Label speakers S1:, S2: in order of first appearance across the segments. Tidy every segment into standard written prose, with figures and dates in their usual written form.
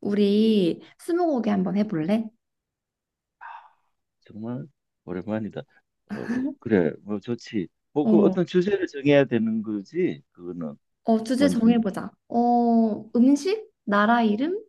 S1: 우리 스무고개 한번 해볼래?
S2: 정말 오랜만이다. 어, 그래, 뭐 좋지.
S1: 어,
S2: 어떤 주제를 정해야 되는 거지. 그거는
S1: 주제
S2: 먼저
S1: 정해보자. 음식, 나라 이름,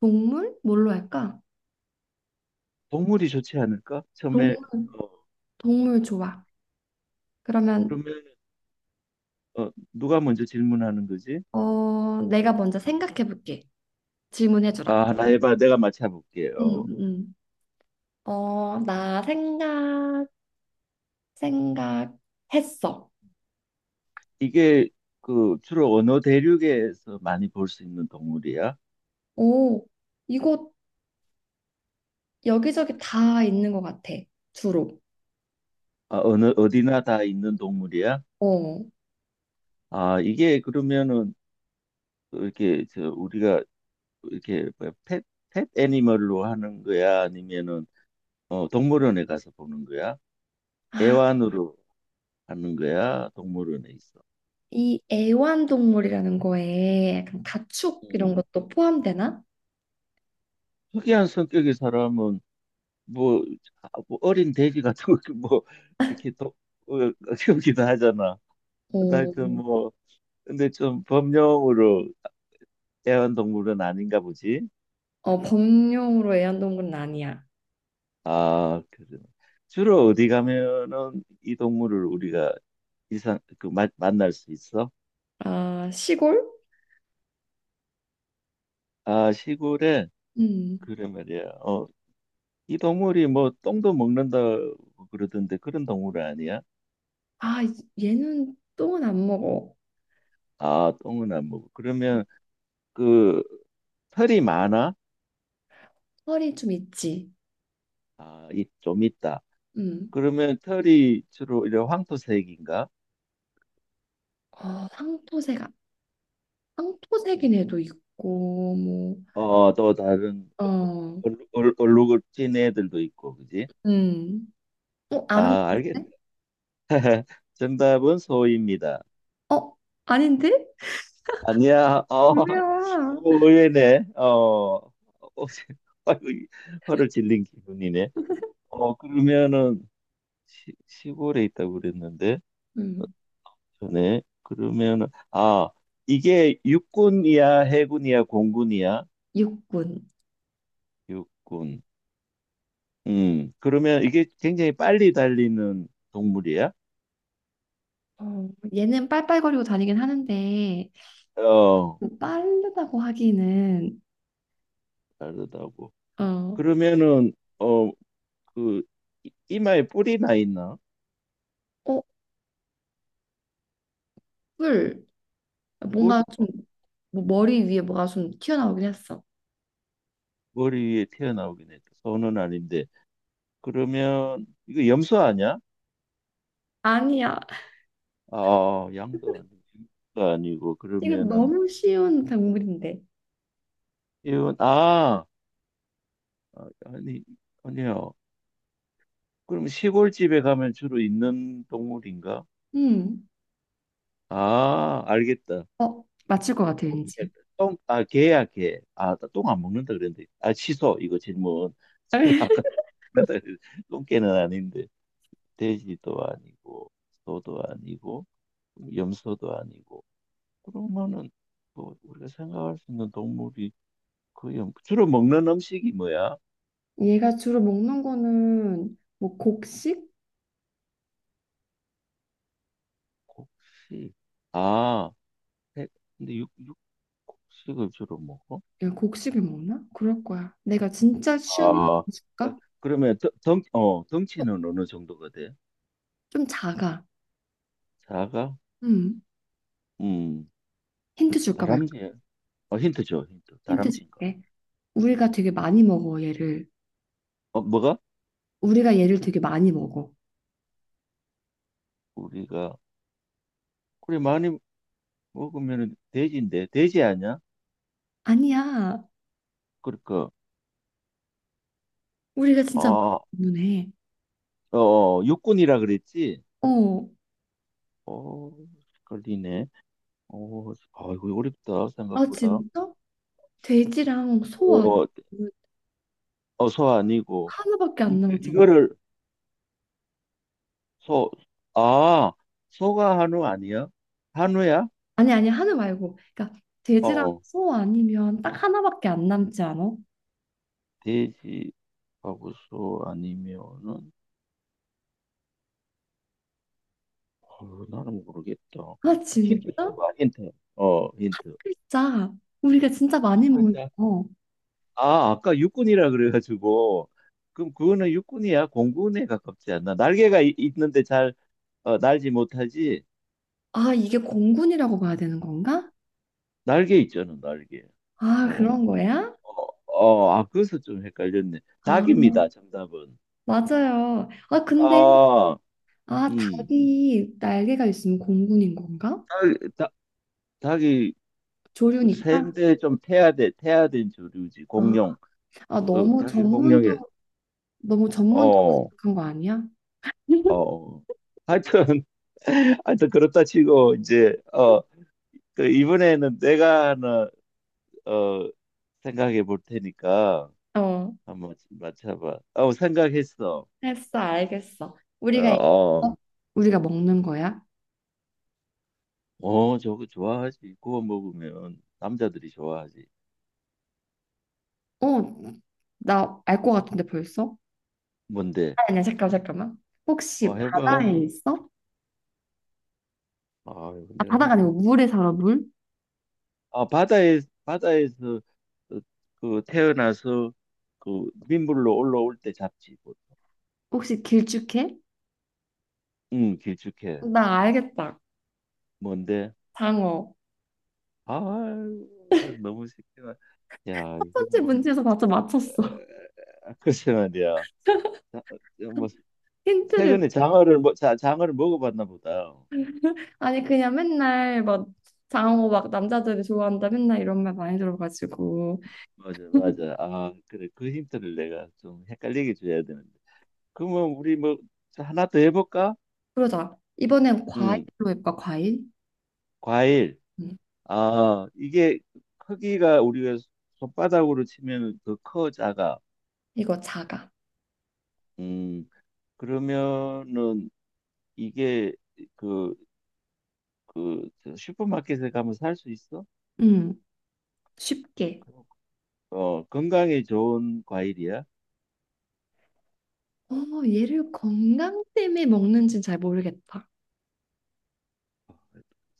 S1: 동물, 뭘로 할까?
S2: 동물이 좋지 않을까?
S1: 동,
S2: 처음에 어,
S1: 동물 좋아. 그러면
S2: 그러면 누가 먼저 질문하는 거지?
S1: 내가 먼저 생각해볼게. 질문해주라.
S2: 아, 하나 해봐. 내가 맞춰볼게.
S1: 응, 응. 어, 나 생각, 생각했어.
S2: 이게 그 주로 어느 대륙에서 많이 볼 수 있는 동물이야?
S1: 오, 이곳 여기저기 다 있는 것 같아, 주로.
S2: 아, 어느 어디나 다 있는 동물이야?
S1: 어.
S2: 아, 이게 그러면은 그 이렇게 저 우리가 이렇게 뭐야, 펫, 펫 애니멀로 하는 거야? 아니면은 동물원에 가서 보는 거야?
S1: 아,
S2: 애완으로 하는 거야? 동물원에 있어.
S1: 이 애완동물이라는 거에 약간 가축 이런
S2: 음.
S1: 것도 포함되나?
S2: 특이한 성격의 사람은 뭐, 아, 뭐 어린 돼지 같은 거 뭐 이렇게 어, 키우기도 하잖아. 근데 하여튼
S1: 어,
S2: 뭐 근데 좀 범용으로 애완동물은 아닌가 보지.
S1: 어 범용으로 애완동물은 아니야.
S2: 아, 그래. 주로 어디 가면은 이 동물을 우리가 이상 그 만날 수 있어?
S1: 아, 시골?
S2: 아, 시골에
S1: 음.
S2: 그래 말이야. 이 동물이 뭐 똥도 먹는다 그러던데 그런 동물 아니야?
S1: 아, 얘는 똥은 안 먹어.
S2: 아, 똥은 안 먹어. 그러면 그 털이 많아?
S1: 털이 좀 있지.
S2: 아, 이 좀 있다.
S1: 음.
S2: 그러면 털이 주로 이런 황토색인가?
S1: 황토새가황토새긴 애도 있고,
S2: 어, 또 다른
S1: 어,
S2: 얼룩을 진 애들도 있고, 그지?
S1: 음. 어, 아는 것
S2: 아, 알겠다.
S1: 같은데?
S2: 정답은 소입니다.
S1: 어, 아닌데?
S2: 아니야. 어,
S1: 뭐야?
S2: 어, 의외네. 어, 어, 아이고, 이 화를 질린 기분이네. 어, 그러면은 시, 골에 있다고 그랬는데
S1: 음,
S2: 전에 그러면 아 이게 육군이야 해군이야 공군이야?
S1: 육군.
S2: 육군. 음. 그러면 이게 굉장히 빨리 달리는 동물이야?
S1: 어, 얘는 빨빨거리고 다니긴 하는데,
S2: 어,
S1: 빠르다고 하기는
S2: 다르다고.
S1: 어,
S2: 그러면은 어 그 이마에 뿔이 나 있나?
S1: 어, 풀
S2: 뿔,
S1: 뭔가
S2: 어,
S1: 좀 뭐 머리 위에 뭐가 좀 튀어나오긴 했어.
S2: 머리 위에 튀어나오긴 했다. 손은 아닌데 그러면 이거 염소 아니야?
S1: 아니야,
S2: 아, 양도 아니고 염소도 아니고.
S1: 이거
S2: 그러면은
S1: 너무 쉬운 동물인데.
S2: 이건 아, 아, 아니, 아니요. 그럼 시골집에 가면 주로 있는 동물인가?
S1: 음,
S2: 아, 알겠다.
S1: 어, 맞출 것 같아
S2: 똥개,
S1: 왠지.
S2: 똥, 아, 개야, 개. 아, 똥 안 먹는다 그랬는데. 아, 취소, 이거 질문. 제가 아까 똥 먹는다 그랬는데 똥개는 아닌데. 돼지도 아니고, 소도 아니고, 염소도 아니고. 그러면은, 뭐, 우리가 생각할 수 있는 동물이 거의, 주로 먹는 음식이 뭐야?
S1: 얘가 주로 먹는 거는 뭐 곡식?
S2: 곡식. 아, 해- 근데 곡식을 주로 먹어?
S1: 얘 곡식을 먹나? 그럴 거야. 내가 진짜 쉬운 힌트
S2: 아,
S1: 줄까?
S2: 그러면
S1: 어,
S2: 덩치는 어느 정도가 돼?
S1: 좀 작아.
S2: 사가?
S1: 음,
S2: 음,
S1: 힌트 줄까 말까?
S2: 다람쥐. 어, 힌트 줘, 힌트.
S1: 힌트
S2: 다람쥐인가?
S1: 줄게.
S2: 어,
S1: 우리가
S2: 예.
S1: 되게 많이 먹어 얘를.
S2: 어, 뭐가?
S1: 우리가 얘를 되게 많이 먹어.
S2: 우리가 그래 많이 먹으면 돼지인데 돼지 아니야?
S1: 아니야.
S2: 그러니까
S1: 우리가
S2: 아,
S1: 진짜 많이 때문에.
S2: 육군이라 그랬지?
S1: 어,
S2: 어, 걸리네. 어, 아이고 어렵다
S1: 아
S2: 생각보다.
S1: 진짜? 돼지랑 소
S2: 어,
S1: 아니면
S2: 소 아니고
S1: 하나밖에 안 남았잖아.
S2: 이거를 소, 아, 소가 한우 아니야? 한우야?
S1: 아니 아니 하나 말고, 그러니까 돼지랑
S2: 어.
S1: 소 아니면 딱 하나밖에 안 남지 않아?
S2: 돼지하고서 아니면은 어, 나는 모르겠다.
S1: 아
S2: 힌트
S1: 진짜?
S2: 줘봐. 힌트. 어 힌트.
S1: 진짜 우리가 진짜
S2: 한
S1: 많이 모여
S2: 글자.
S1: 서
S2: 아 아까 육군이라 그래가지고 그럼 그거는 육군이야? 공군에 가깝지 않나? 날개가 있는데 잘 어, 날지 못하지?
S1: 아 이게 공군이라고 봐야 되는 건가?
S2: 날개 있잖아 날개.
S1: 아
S2: 어,
S1: 그런 거야?
S2: 아, 그래서 좀 헷갈렸네.
S1: 아
S2: 닭입니다, 정답은.
S1: 맞아요. 아 근데
S2: 아,
S1: 아
S2: 음.
S1: 닭이 날개가 있으면 공군인 건가?
S2: 닭, 닭, 닭이 그
S1: 조류니까.
S2: 샌데 좀 태아된 조류지,
S1: 아,
S2: 공룡.
S1: 아,
S2: 어,
S1: 너무
S2: 자기 공룡이
S1: 전문적으로 너무
S2: 어, 어.
S1: 전문적인 거 아니야?
S2: 어. 하여튼 하여튼 그렇다 치고 이제 그 이번에는 내가 하나 어 생각해 볼 테니까
S1: 어,
S2: 한번 맞춰봐. 어, 생각했어.
S1: 했어, 알겠어.
S2: 어,
S1: 우리가 얘- 어?
S2: 어,
S1: 우리가 먹는 거야?
S2: 저거 좋아하지. 구워 먹으면 남자들이 좋아하지.
S1: 어, 나 알 것 같은데 벌써?
S2: 뭔데?
S1: 아니야, 잠깐, 잠깐만.
S2: 와,
S1: 혹시
S2: 해봐.
S1: 바다에 있어?
S2: 아,
S1: 아,
S2: 내가
S1: 바다가 아니고
S2: 힌트를.
S1: 물에 살아, 물?
S2: 아, 바다에서 어, 그 태어나서 그 민물로 올라올 때 잡지. 뭐.
S1: 혹시 길쭉해?
S2: 응, 길쭉해.
S1: 나 알겠다.
S2: 뭔데?
S1: 장어.
S2: 아, 너무 새끼가. 야,
S1: 첫
S2: 이거
S1: 번째
S2: 뭐
S1: 문제에서 맞춰 맞췄어.
S2: 아, 글쎄 말이야. 자, 뭐
S1: 힌트를.
S2: 최근에 장어를 뭐 자, 장어를 먹어봤나 보다.
S1: 아니, 그냥 맨날 막 장어 막 남자들이 좋아한다 맨날 이런 말 많이 들어가지고.
S2: 맞아, 맞아. 아, 그래. 그 힌트를 내가 좀 헷갈리게 줘야 되는데. 그러면 우리 뭐 자, 하나 더 해볼까?
S1: 그러자. 이번엔
S2: 응,
S1: 과일로 해볼까, 과일?
S2: 과일.
S1: 음,
S2: 아, 이게 크기가 우리가 손바닥으로 치면 더 커, 작아.
S1: 이거 자가.
S2: 음, 그러면은 이게 그 그 슈퍼마켓에 가면 살 수 있어?
S1: 음, 쉽게.
S2: 어, 건강에 좋은 과일이야?
S1: 어, 얘를 건강 때문에 먹는지는 잘 모르겠다.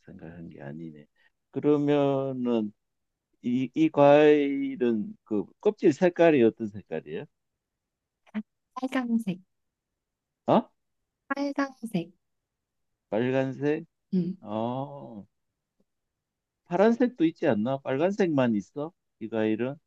S2: 생각한 게 아니네. 그러면은 이 과일은 그 껍질 색깔이 어떤 색깔이야?
S1: 빨강색,
S2: 어?
S1: 빨강색.
S2: 빨간색?
S1: 음.
S2: 어, 파란색도 있지 않나? 빨간색만 있어? 이 과일은?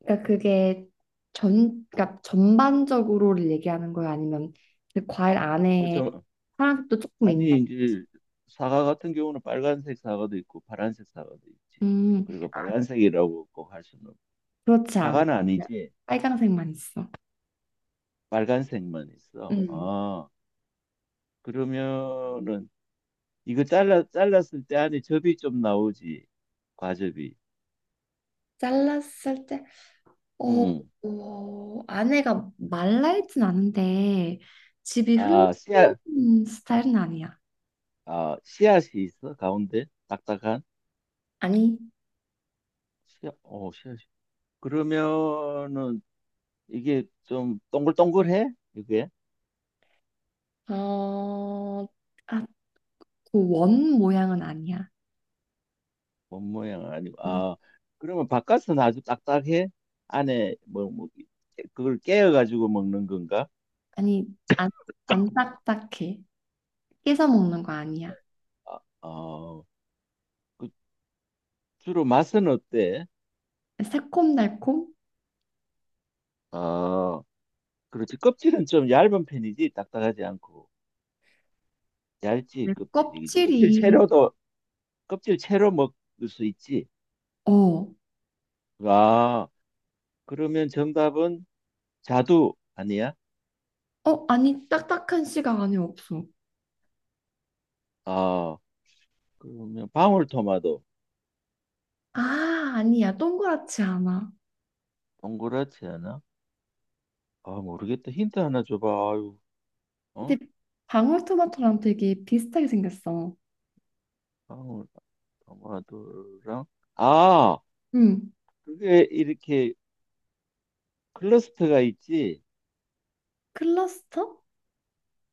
S1: 그러니까 그게 그러니까 전반적으로를 얘기하는 거야? 아니면 그 과일
S2: 어,
S1: 안에
S2: 저,
S1: 파란색도 조금 있나?
S2: 아니 이제 사과 같은 경우는 빨간색 사과도 있고 파란색 사과도 있지.
S1: 음,
S2: 그리고 빨간색이라고 꼭 할 수는
S1: 그렇지 않아.
S2: 사과는
S1: 그냥
S2: 아니지.
S1: 빨강색만 있어.
S2: 빨간색만 있어.
S1: 음.
S2: 아. 그러면은 이거 잘라 잘랐을 때 안에 접이 좀 나오지. 과접이.
S1: 잘랐을 때 어,
S2: 음.
S1: 아내가 말라있진 않은데 집이
S2: 아, 씨앗,
S1: 흘러온 스타일은 아니야.
S2: 아, 씨앗이 있어? 가운데 딱딱한
S1: 아니,
S2: 씨앗. 어, 씨앗이. 그러면은 이게 좀 동글동글해? 이게
S1: 어, 아, 그 원 모양은 아니야.
S2: 본 모양 아니고.
S1: 응.
S2: 아, 그러면 바깥은 아주 딱딱해? 안에 뭐 그걸 깨어 가지고 먹는 건가?
S1: 아니, 안, 안 딱딱해. 깨서 먹는 거 아니야.
S2: 아, 어, 그 주로 맛은 어때?
S1: 새콤달콤?
S2: 아, 그렇지. 껍질은 좀 얇은 편이지, 딱딱하지 않고. 얇지,
S1: 내
S2: 껍질이. 그지? 껍질
S1: 껍질이
S2: 채로도, 껍질 채로 먹을 수 있지.
S1: 어, 어,
S2: 아, 그러면 정답은 자두 아니야?
S1: 아니, 딱딱한 씨가 안에 없어.
S2: 아, 그러면 방울토마토.
S1: 아, 아니야. 동그랗지 않아.
S2: 동그랗지 않아? 아, 모르겠다. 힌트 하나 줘봐. 아유, 어?
S1: 근데 방울토마토랑 되게 비슷하게 생겼어.
S2: 방울토마토랑. 아,
S1: 응.
S2: 그게 이렇게 클러스터가 있지?
S1: 클러스터?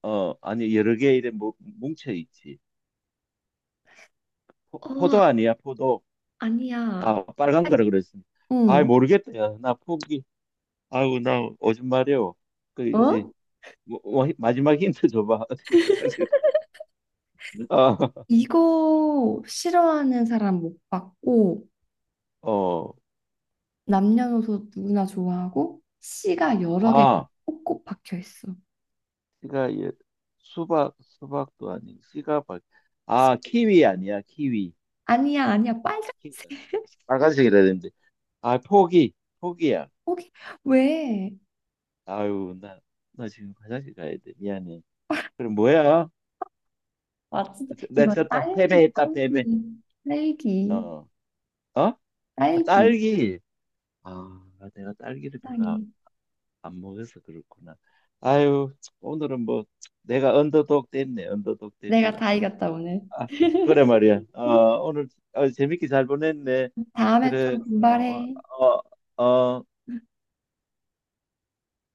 S2: 어, 아니, 여러 개 이렇게 뭉쳐 있지.
S1: 어,
S2: 포도 아니야, 포도.
S1: 아니야.
S2: 아, 빨간
S1: 아,
S2: 거라 그랬어니 아,
S1: 응.
S2: 모르겠다. 야, 나 포기. 아우, 나 오줌 마려워. 그, 이제,
S1: 어?
S2: 뭐, 마지막 힌트 줘봐. 어디 화장실 가야 돼? 어,
S1: 이거 싫어하는 사람 못 봤고,
S2: 아, 어,
S1: 남녀노소 누구나 좋아하고, 씨가 여러 개
S2: 아,
S1: 꼭꼭 박혀 있어.
S2: 씨가, 예, 수박, 수박도 아닌, 씨가, 박 아, 키위 아니야, 키위.
S1: 아니야, 아니야. 빨간색.
S2: 키위. 빨간색이라 되는데. 아, 포기, 포기야.
S1: 거기 왜?
S2: 아유, 나 지금 화장실 가야 돼. 미안해. 그럼 뭐야?
S1: 아, 진짜.
S2: 내
S1: 이거
S2: 졌다.
S1: 딸기,
S2: 패배했다, 패배.
S1: 딸기, 딸기,
S2: 어, 어?
S1: 딸기.
S2: 딸기. 아, 내가 딸기를 별로 안,
S1: 땅에.
S2: 안 먹어서 그렇구나. 아유, 오늘은 뭐 내가 언더독 됐네. 언더독
S1: 내가
S2: 됐어.
S1: 다 이겼다, 오늘.
S2: 아, 그래 말이야. 오늘 어, 재밌게 잘 보냈네.
S1: 다음에
S2: 그래.
S1: 좀
S2: 어, 어,
S1: 분발해.
S2: 어, 어.